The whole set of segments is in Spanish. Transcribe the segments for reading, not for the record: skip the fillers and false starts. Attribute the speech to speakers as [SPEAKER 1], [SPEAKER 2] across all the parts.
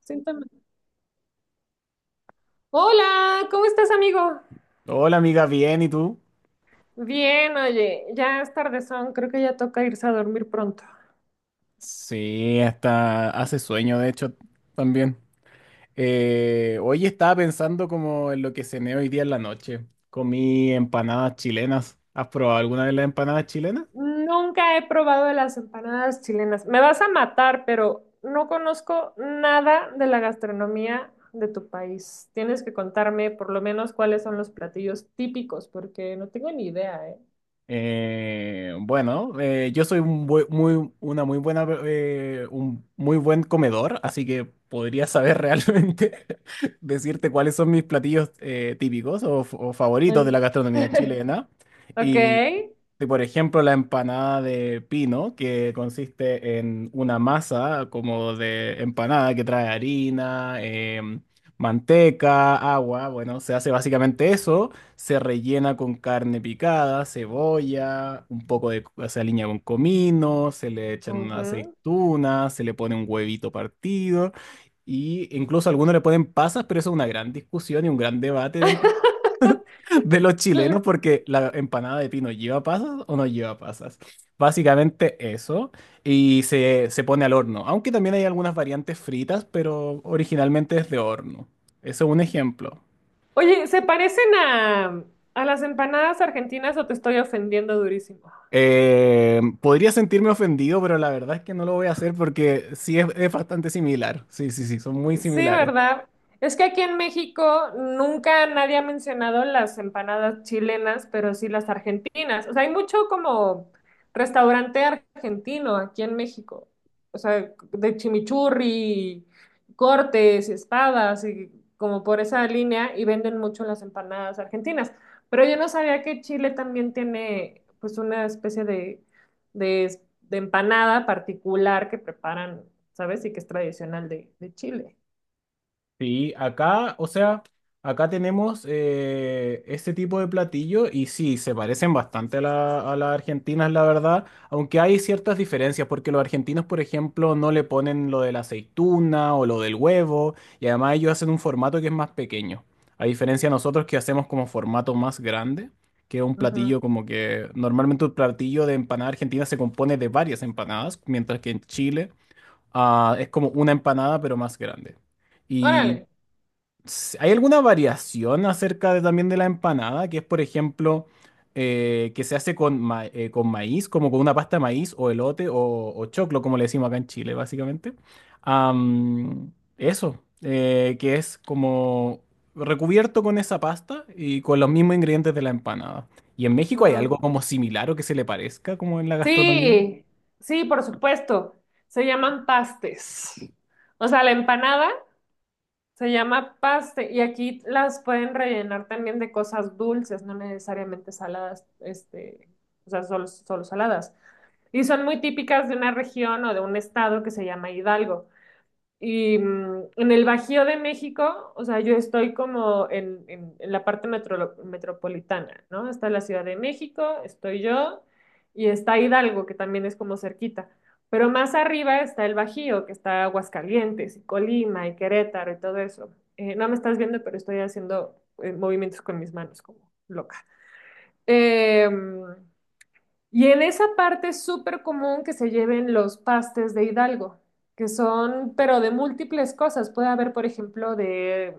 [SPEAKER 1] Síntoma. Hola, ¿cómo estás, amigo?
[SPEAKER 2] Hola amiga, bien, ¿y tú?
[SPEAKER 1] Bien, oye, ya es tardezón, creo que ya toca irse a dormir pronto.
[SPEAKER 2] Sí, hasta hace sueño, de hecho, también. Hoy estaba pensando como en lo que cené hoy día en la noche. Comí empanadas chilenas. ¿Has probado alguna de las empanadas chilenas?
[SPEAKER 1] Nunca he probado las empanadas chilenas. Me vas a matar, pero no conozco nada de la gastronomía de tu país. Tienes que contarme por lo menos cuáles son los platillos típicos, porque no tengo ni idea, ¿eh?
[SPEAKER 2] Bueno, yo soy muy, una muy buena, un muy buen comedor, así que podría saber realmente decirte cuáles son mis platillos típicos o favoritos de
[SPEAKER 1] Ay.
[SPEAKER 2] la gastronomía chilena.
[SPEAKER 1] Ok.
[SPEAKER 2] Y, por ejemplo, la empanada de pino, que consiste en una masa como de empanada que trae harina, manteca, agua. Bueno, se hace básicamente eso. Se rellena con carne picada, cebolla, un poco de, se aliña con comino, se le echan una
[SPEAKER 1] Ujú.
[SPEAKER 2] aceituna, se le pone un huevito partido y incluso algunos le ponen pasas, pero eso es una gran discusión y un gran debate dentro de los chilenos porque la empanada de pino lleva pasas o no lleva pasas. Básicamente eso y se pone al horno, aunque también hay algunas variantes fritas, pero originalmente es de horno. Eso es un ejemplo.
[SPEAKER 1] Oye, ¿se parecen a las empanadas argentinas o te estoy ofendiendo durísimo?
[SPEAKER 2] Podría sentirme ofendido, pero la verdad es que no lo voy a hacer porque sí es bastante similar. Sí, sí, sí, son muy
[SPEAKER 1] Sí,
[SPEAKER 2] similares.
[SPEAKER 1] ¿verdad? Es que aquí en México nunca nadie ha mencionado las empanadas chilenas, pero sí las argentinas. O sea, hay mucho como restaurante argentino aquí en México. O sea, de chimichurri, cortes, espadas y como por esa línea y venden mucho las empanadas argentinas. Pero yo no sabía que Chile también tiene pues una especie de, de empanada particular que preparan, ¿sabes? Y que es tradicional de Chile.
[SPEAKER 2] Sí, acá, o sea, acá tenemos este tipo de platillo y sí, se parecen bastante a a las argentinas, la verdad, aunque hay ciertas diferencias, porque los argentinos, por ejemplo, no le ponen lo de la aceituna o lo del huevo, y además ellos hacen un formato que es más pequeño, a diferencia de nosotros que hacemos como formato más grande, que es un
[SPEAKER 1] Ujú.
[SPEAKER 2] platillo como que normalmente un platillo de empanada argentina se compone de varias empanadas, mientras que en Chile ah, es como una empanada pero más grande. Y
[SPEAKER 1] Órale.
[SPEAKER 2] ¿hay alguna variación acerca de, también de la empanada? Que es, por ejemplo, que se hace con, con maíz, como con una pasta de maíz o elote o choclo, como le decimos acá en Chile, básicamente. Am, eso, que es como recubierto con esa pasta y con los mismos ingredientes de la empanada. ¿Y en México hay
[SPEAKER 1] Ujú.
[SPEAKER 2] algo como similar o que se le parezca como en la gastronomía?
[SPEAKER 1] Sí, sí, por supuesto. Se llaman pastes. O sea, la empanada se llama paste y aquí las pueden rellenar también de cosas dulces, no necesariamente saladas, este, o sea, solo saladas. Y son muy típicas de una región o de un estado que se llama Hidalgo. Y en el Bajío de México, o sea, yo estoy como en, en la parte metropolitana, ¿no? Está la Ciudad de México, estoy yo, y está Hidalgo, que también es como cerquita. Pero más arriba está el Bajío, que está Aguascalientes, y Colima, y Querétaro, y todo eso. No me estás viendo, pero estoy haciendo movimientos con mis manos como loca. Em, y en esa parte es súper común que se lleven los pastes de Hidalgo, que son, pero de múltiples cosas. Puede haber, por ejemplo, de,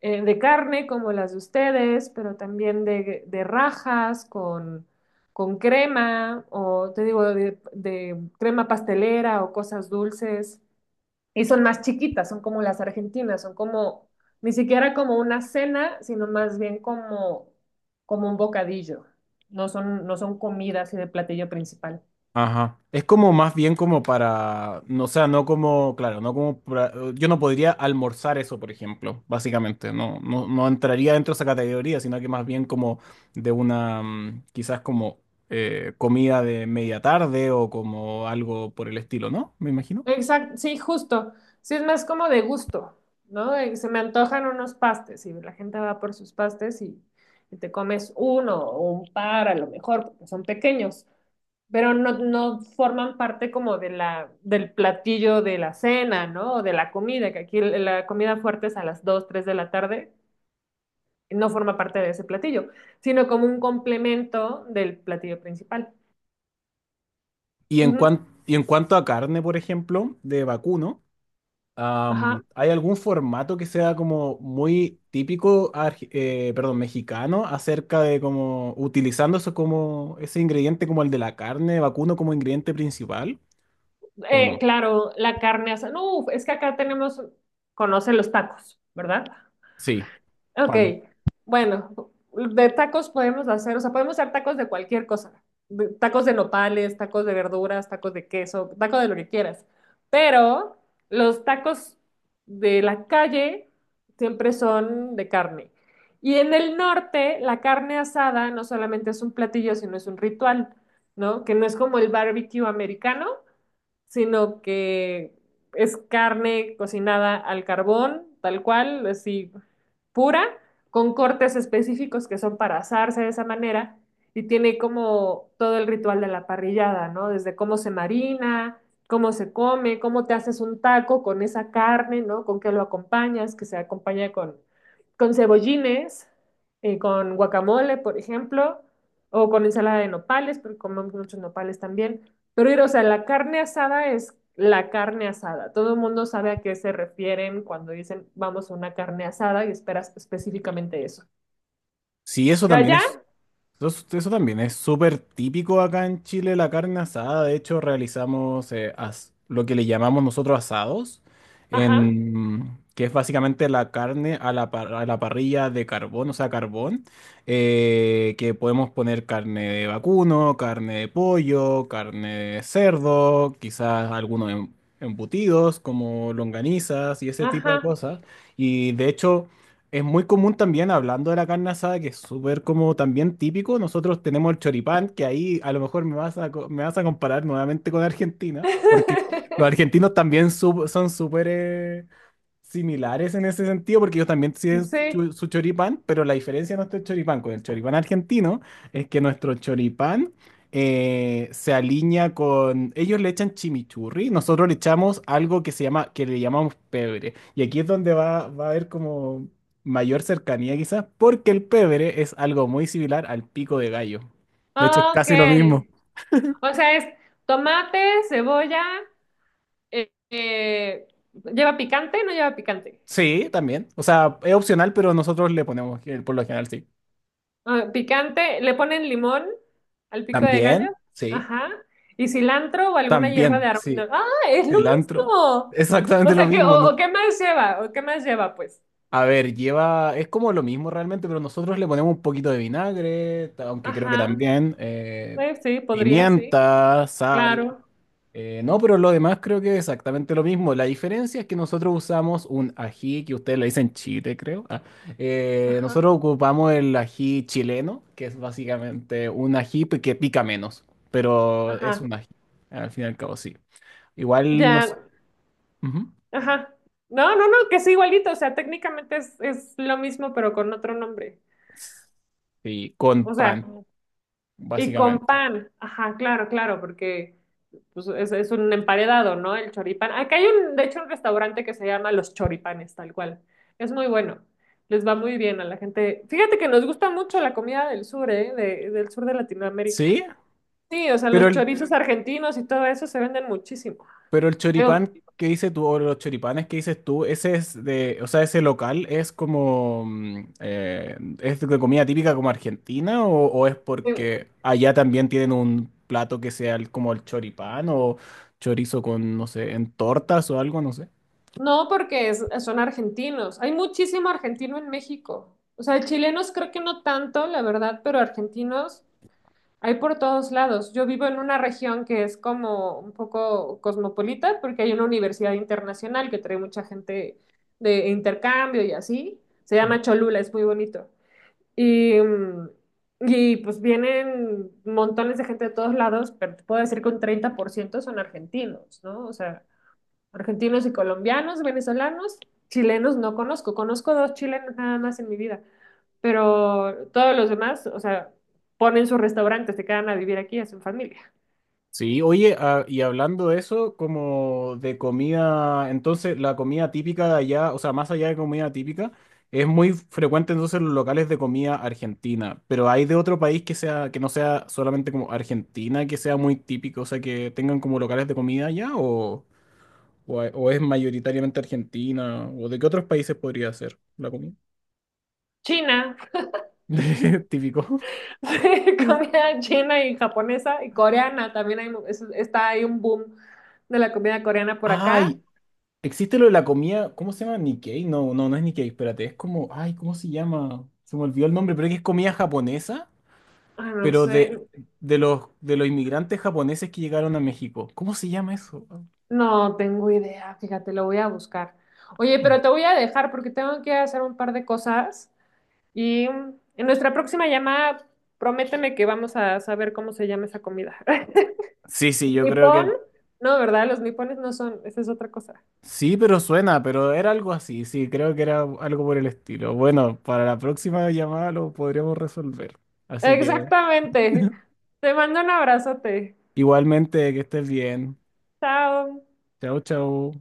[SPEAKER 1] eh, de carne, como las de ustedes, pero también de rajas con crema, o te digo, de crema pastelera o cosas dulces. Y son más chiquitas, son como las argentinas, son como, ni siquiera como una cena, sino más bien como, como un bocadillo. No son comida así de platillo principal.
[SPEAKER 2] Ajá. Es como más bien como para, no, o sea, no como, claro, no como, yo no podría almorzar eso, por ejemplo, básicamente, no, no, no entraría dentro de esa categoría, sino que más bien como de una, mm, quizás como comida de media tarde o como algo por el estilo, ¿no? Me imagino.
[SPEAKER 1] Exacto, sí, justo. Sí, es más como de gusto, ¿no? Se me antojan unos pastes y la gente va por sus pastes y te comes uno o un par a lo mejor, porque son pequeños, pero no forman parte como de la, del platillo de la cena, ¿no? O de la comida, que aquí la comida fuerte es a las 2 3 de la tarde, y no forma parte de ese platillo, sino como un complemento del platillo principal.
[SPEAKER 2] Y
[SPEAKER 1] Ujú,
[SPEAKER 2] y en cuanto a carne, por ejemplo, de vacuno.
[SPEAKER 1] ajá.
[SPEAKER 2] ¿Hay algún formato que sea como muy típico, perdón, mexicano, acerca de como utilizando eso como ese ingrediente como el de la carne vacuno como ingrediente principal? ¿O no?
[SPEAKER 1] Claro, la carne asada. No, uf, es que acá tenemos, conoce los tacos, ¿verdad?
[SPEAKER 2] Sí,
[SPEAKER 1] Ok,
[SPEAKER 2] fan.
[SPEAKER 1] bueno, de tacos podemos hacer, o sea, podemos hacer tacos de cualquier cosa. Tacos de nopales, tacos de verduras, tacos de queso, tacos de lo que quieras. Pero los tacos de la calle siempre son de carne. Y en el norte, la carne asada no solamente es un platillo, sino es un ritual, ¿no? Que no es como el barbecue americano, sino que es carne cocinada al carbón, tal cual, así pura, con cortes específicos que son para asarse de esa manera, y tiene como todo el ritual de la parrillada, ¿no? Desde cómo se marina, cómo se come, cómo te haces un taco con esa carne, ¿no? Con qué lo acompañas, que se acompaña con cebollines, con guacamole, por ejemplo, o con ensalada de nopales, porque comemos muchos nopales también. Pero, ir, o sea, la carne asada es la carne asada. Todo el mundo sabe a qué se refieren cuando dicen vamos a una carne asada y esperas específicamente eso.
[SPEAKER 2] Sí, eso
[SPEAKER 1] ¿Y
[SPEAKER 2] también es
[SPEAKER 1] allá?
[SPEAKER 2] eso, eso también es súper típico acá en Chile, la carne asada. De hecho, realizamos lo que le llamamos nosotros asados,
[SPEAKER 1] Ajá,
[SPEAKER 2] en, que es básicamente la carne a a la parrilla de carbón, o sea, carbón, que podemos poner carne de vacuno, carne de pollo, carne de cerdo, quizás algunos embutidos como longanizas y ese tipo de
[SPEAKER 1] ajá.
[SPEAKER 2] cosas. Y de hecho… Es muy común también, hablando de la carne asada, que es súper como también típico, nosotros tenemos el choripán, que ahí a lo mejor me vas me vas a comparar nuevamente con Argentina, porque los argentinos también son súper similares en ese sentido, porque ellos también tienen
[SPEAKER 1] Sí,
[SPEAKER 2] su choripán, pero la diferencia de nuestro choripán con el choripán argentino es que nuestro choripán se alinea con… Ellos le echan chimichurri, nosotros le echamos algo que se llama, que le llamamos pebre. Y aquí es donde va a haber como mayor cercanía quizás, porque el pebre es algo muy similar al pico de gallo. De hecho, es casi lo mismo.
[SPEAKER 1] ok. O sea, es tomate, cebolla, eh, eh, ¿lleva picante? ¿No lleva picante?
[SPEAKER 2] Sí, también. O sea, es opcional, pero nosotros le ponemos, por lo general, sí.
[SPEAKER 1] Ah, picante, le ponen limón al pico de gallo,
[SPEAKER 2] También, sí.
[SPEAKER 1] ajá, y cilantro o alguna hierba de
[SPEAKER 2] También,
[SPEAKER 1] arroz, ¿no?
[SPEAKER 2] sí,
[SPEAKER 1] Ah, es lo
[SPEAKER 2] cilantro.
[SPEAKER 1] mismo. O
[SPEAKER 2] Exactamente lo
[SPEAKER 1] sea que,
[SPEAKER 2] mismo,
[SPEAKER 1] o
[SPEAKER 2] ¿no?
[SPEAKER 1] qué más lleva, o qué más lleva, pues.
[SPEAKER 2] A ver, lleva, es como lo mismo realmente, pero nosotros le ponemos un poquito de vinagre, aunque creo que
[SPEAKER 1] Ajá,
[SPEAKER 2] también
[SPEAKER 1] sí, podría, sí,
[SPEAKER 2] pimienta, sal.
[SPEAKER 1] claro.
[SPEAKER 2] No, pero lo demás creo que es exactamente lo mismo. La diferencia es que nosotros usamos un ají, que ustedes le dicen chile, creo. Ah,
[SPEAKER 1] Ajá,
[SPEAKER 2] nosotros ocupamos el ají chileno, que es básicamente un ají que pica menos, pero es
[SPEAKER 1] ajá,
[SPEAKER 2] un ají, al fin y al cabo, sí. Igual
[SPEAKER 1] ya,
[SPEAKER 2] nos… Ujú.
[SPEAKER 1] ajá. No, no, no, que es igualito, o sea, técnicamente es lo mismo, pero con otro nombre.
[SPEAKER 2] Sí, con
[SPEAKER 1] O sea,
[SPEAKER 2] pan,
[SPEAKER 1] y con
[SPEAKER 2] básicamente.
[SPEAKER 1] pan, ajá, claro, claro, porque pues, es un emparedado, ¿no? El choripán. Acá hay un, de hecho, un restaurante que se llama Los Choripanes, tal cual. Es muy bueno. Les va muy bien a la gente. Fíjate que nos gusta mucho la comida del sur, ¿eh? Del sur de Latinoamérica.
[SPEAKER 2] Sí,
[SPEAKER 1] Sí, o sea,
[SPEAKER 2] pero
[SPEAKER 1] los chorizos argentinos y todo eso se venden muchísimo.
[SPEAKER 2] pero el
[SPEAKER 1] Digo,
[SPEAKER 2] choripán que dices tú, o los choripanes que dices tú, ese es de, o sea, ese local es como, mm, es de comida típica como argentina, o es
[SPEAKER 1] eh,
[SPEAKER 2] porque allá también tienen un plato que sea como el choripán o chorizo con, no sé, en tortas o algo, no sé.
[SPEAKER 1] no porque son argentinos. Hay muchísimo argentino en México. O sea, chilenos creo que no tanto, la verdad, pero argentinos. Hay por todos lados. Yo vivo en una región que es como un poco cosmopolita porque hay una universidad internacional que trae mucha gente de intercambio y así. Se
[SPEAKER 2] Ah.
[SPEAKER 1] llama Cholula, es muy bonito. Y, y pues vienen montones de gente de todos lados, pero te puedo decir que un 30% son argentinos, ¿no? O sea, argentinos y colombianos, venezolanos, chilenos no conozco. Conozco dos chilenos nada más en mi vida, pero todos los demás, o sea, ponen sus restaurantes, se quedan a vivir aquí, hacen familia.
[SPEAKER 2] Sí, oye, ah, y hablando de eso, como de comida, entonces la comida típica de allá, o sea, más allá de comida típica, es muy frecuente entonces en los locales de comida argentina, pero hay de otro país que sea, que no sea solamente como Argentina, que sea muy típico, o sea, que tengan como locales de comida allá, o es mayoritariamente Argentina, o de qué otros países podría ser la comida
[SPEAKER 1] China,
[SPEAKER 2] típico.
[SPEAKER 1] sí, comida china y japonesa y coreana, también hay, está ahí un boom de la comida coreana por acá.
[SPEAKER 2] Ay, existe lo de la comida, ¿cómo se llama? Nikkei. No, no, no es Nikkei, espérate. Es como, ay, ¿cómo se llama? Se me olvidó el nombre, pero es que es comida japonesa,
[SPEAKER 1] Ah, no
[SPEAKER 2] pero
[SPEAKER 1] sé,
[SPEAKER 2] de, de los inmigrantes japoneses que llegaron a México. ¿Cómo se llama eso?
[SPEAKER 1] no tengo idea, fíjate, lo voy a buscar. Oye, pero te voy a dejar porque tengo que hacer un par de cosas y en nuestra próxima llamada, prométeme que vamos a saber cómo se llama esa comida.
[SPEAKER 2] Sí, sí, yo creo
[SPEAKER 1] Nipón,
[SPEAKER 2] que
[SPEAKER 1] no, ¿verdad? Los nipones no son, esa es otra cosa.
[SPEAKER 2] sí, pero suena, pero era algo así. Sí, creo que era algo por el estilo. Bueno, para la próxima llamada lo podríamos resolver. Así que
[SPEAKER 1] Exactamente. Te mando un abrazote.
[SPEAKER 2] igualmente, que estés bien.
[SPEAKER 1] Chao.
[SPEAKER 2] Chao, chao.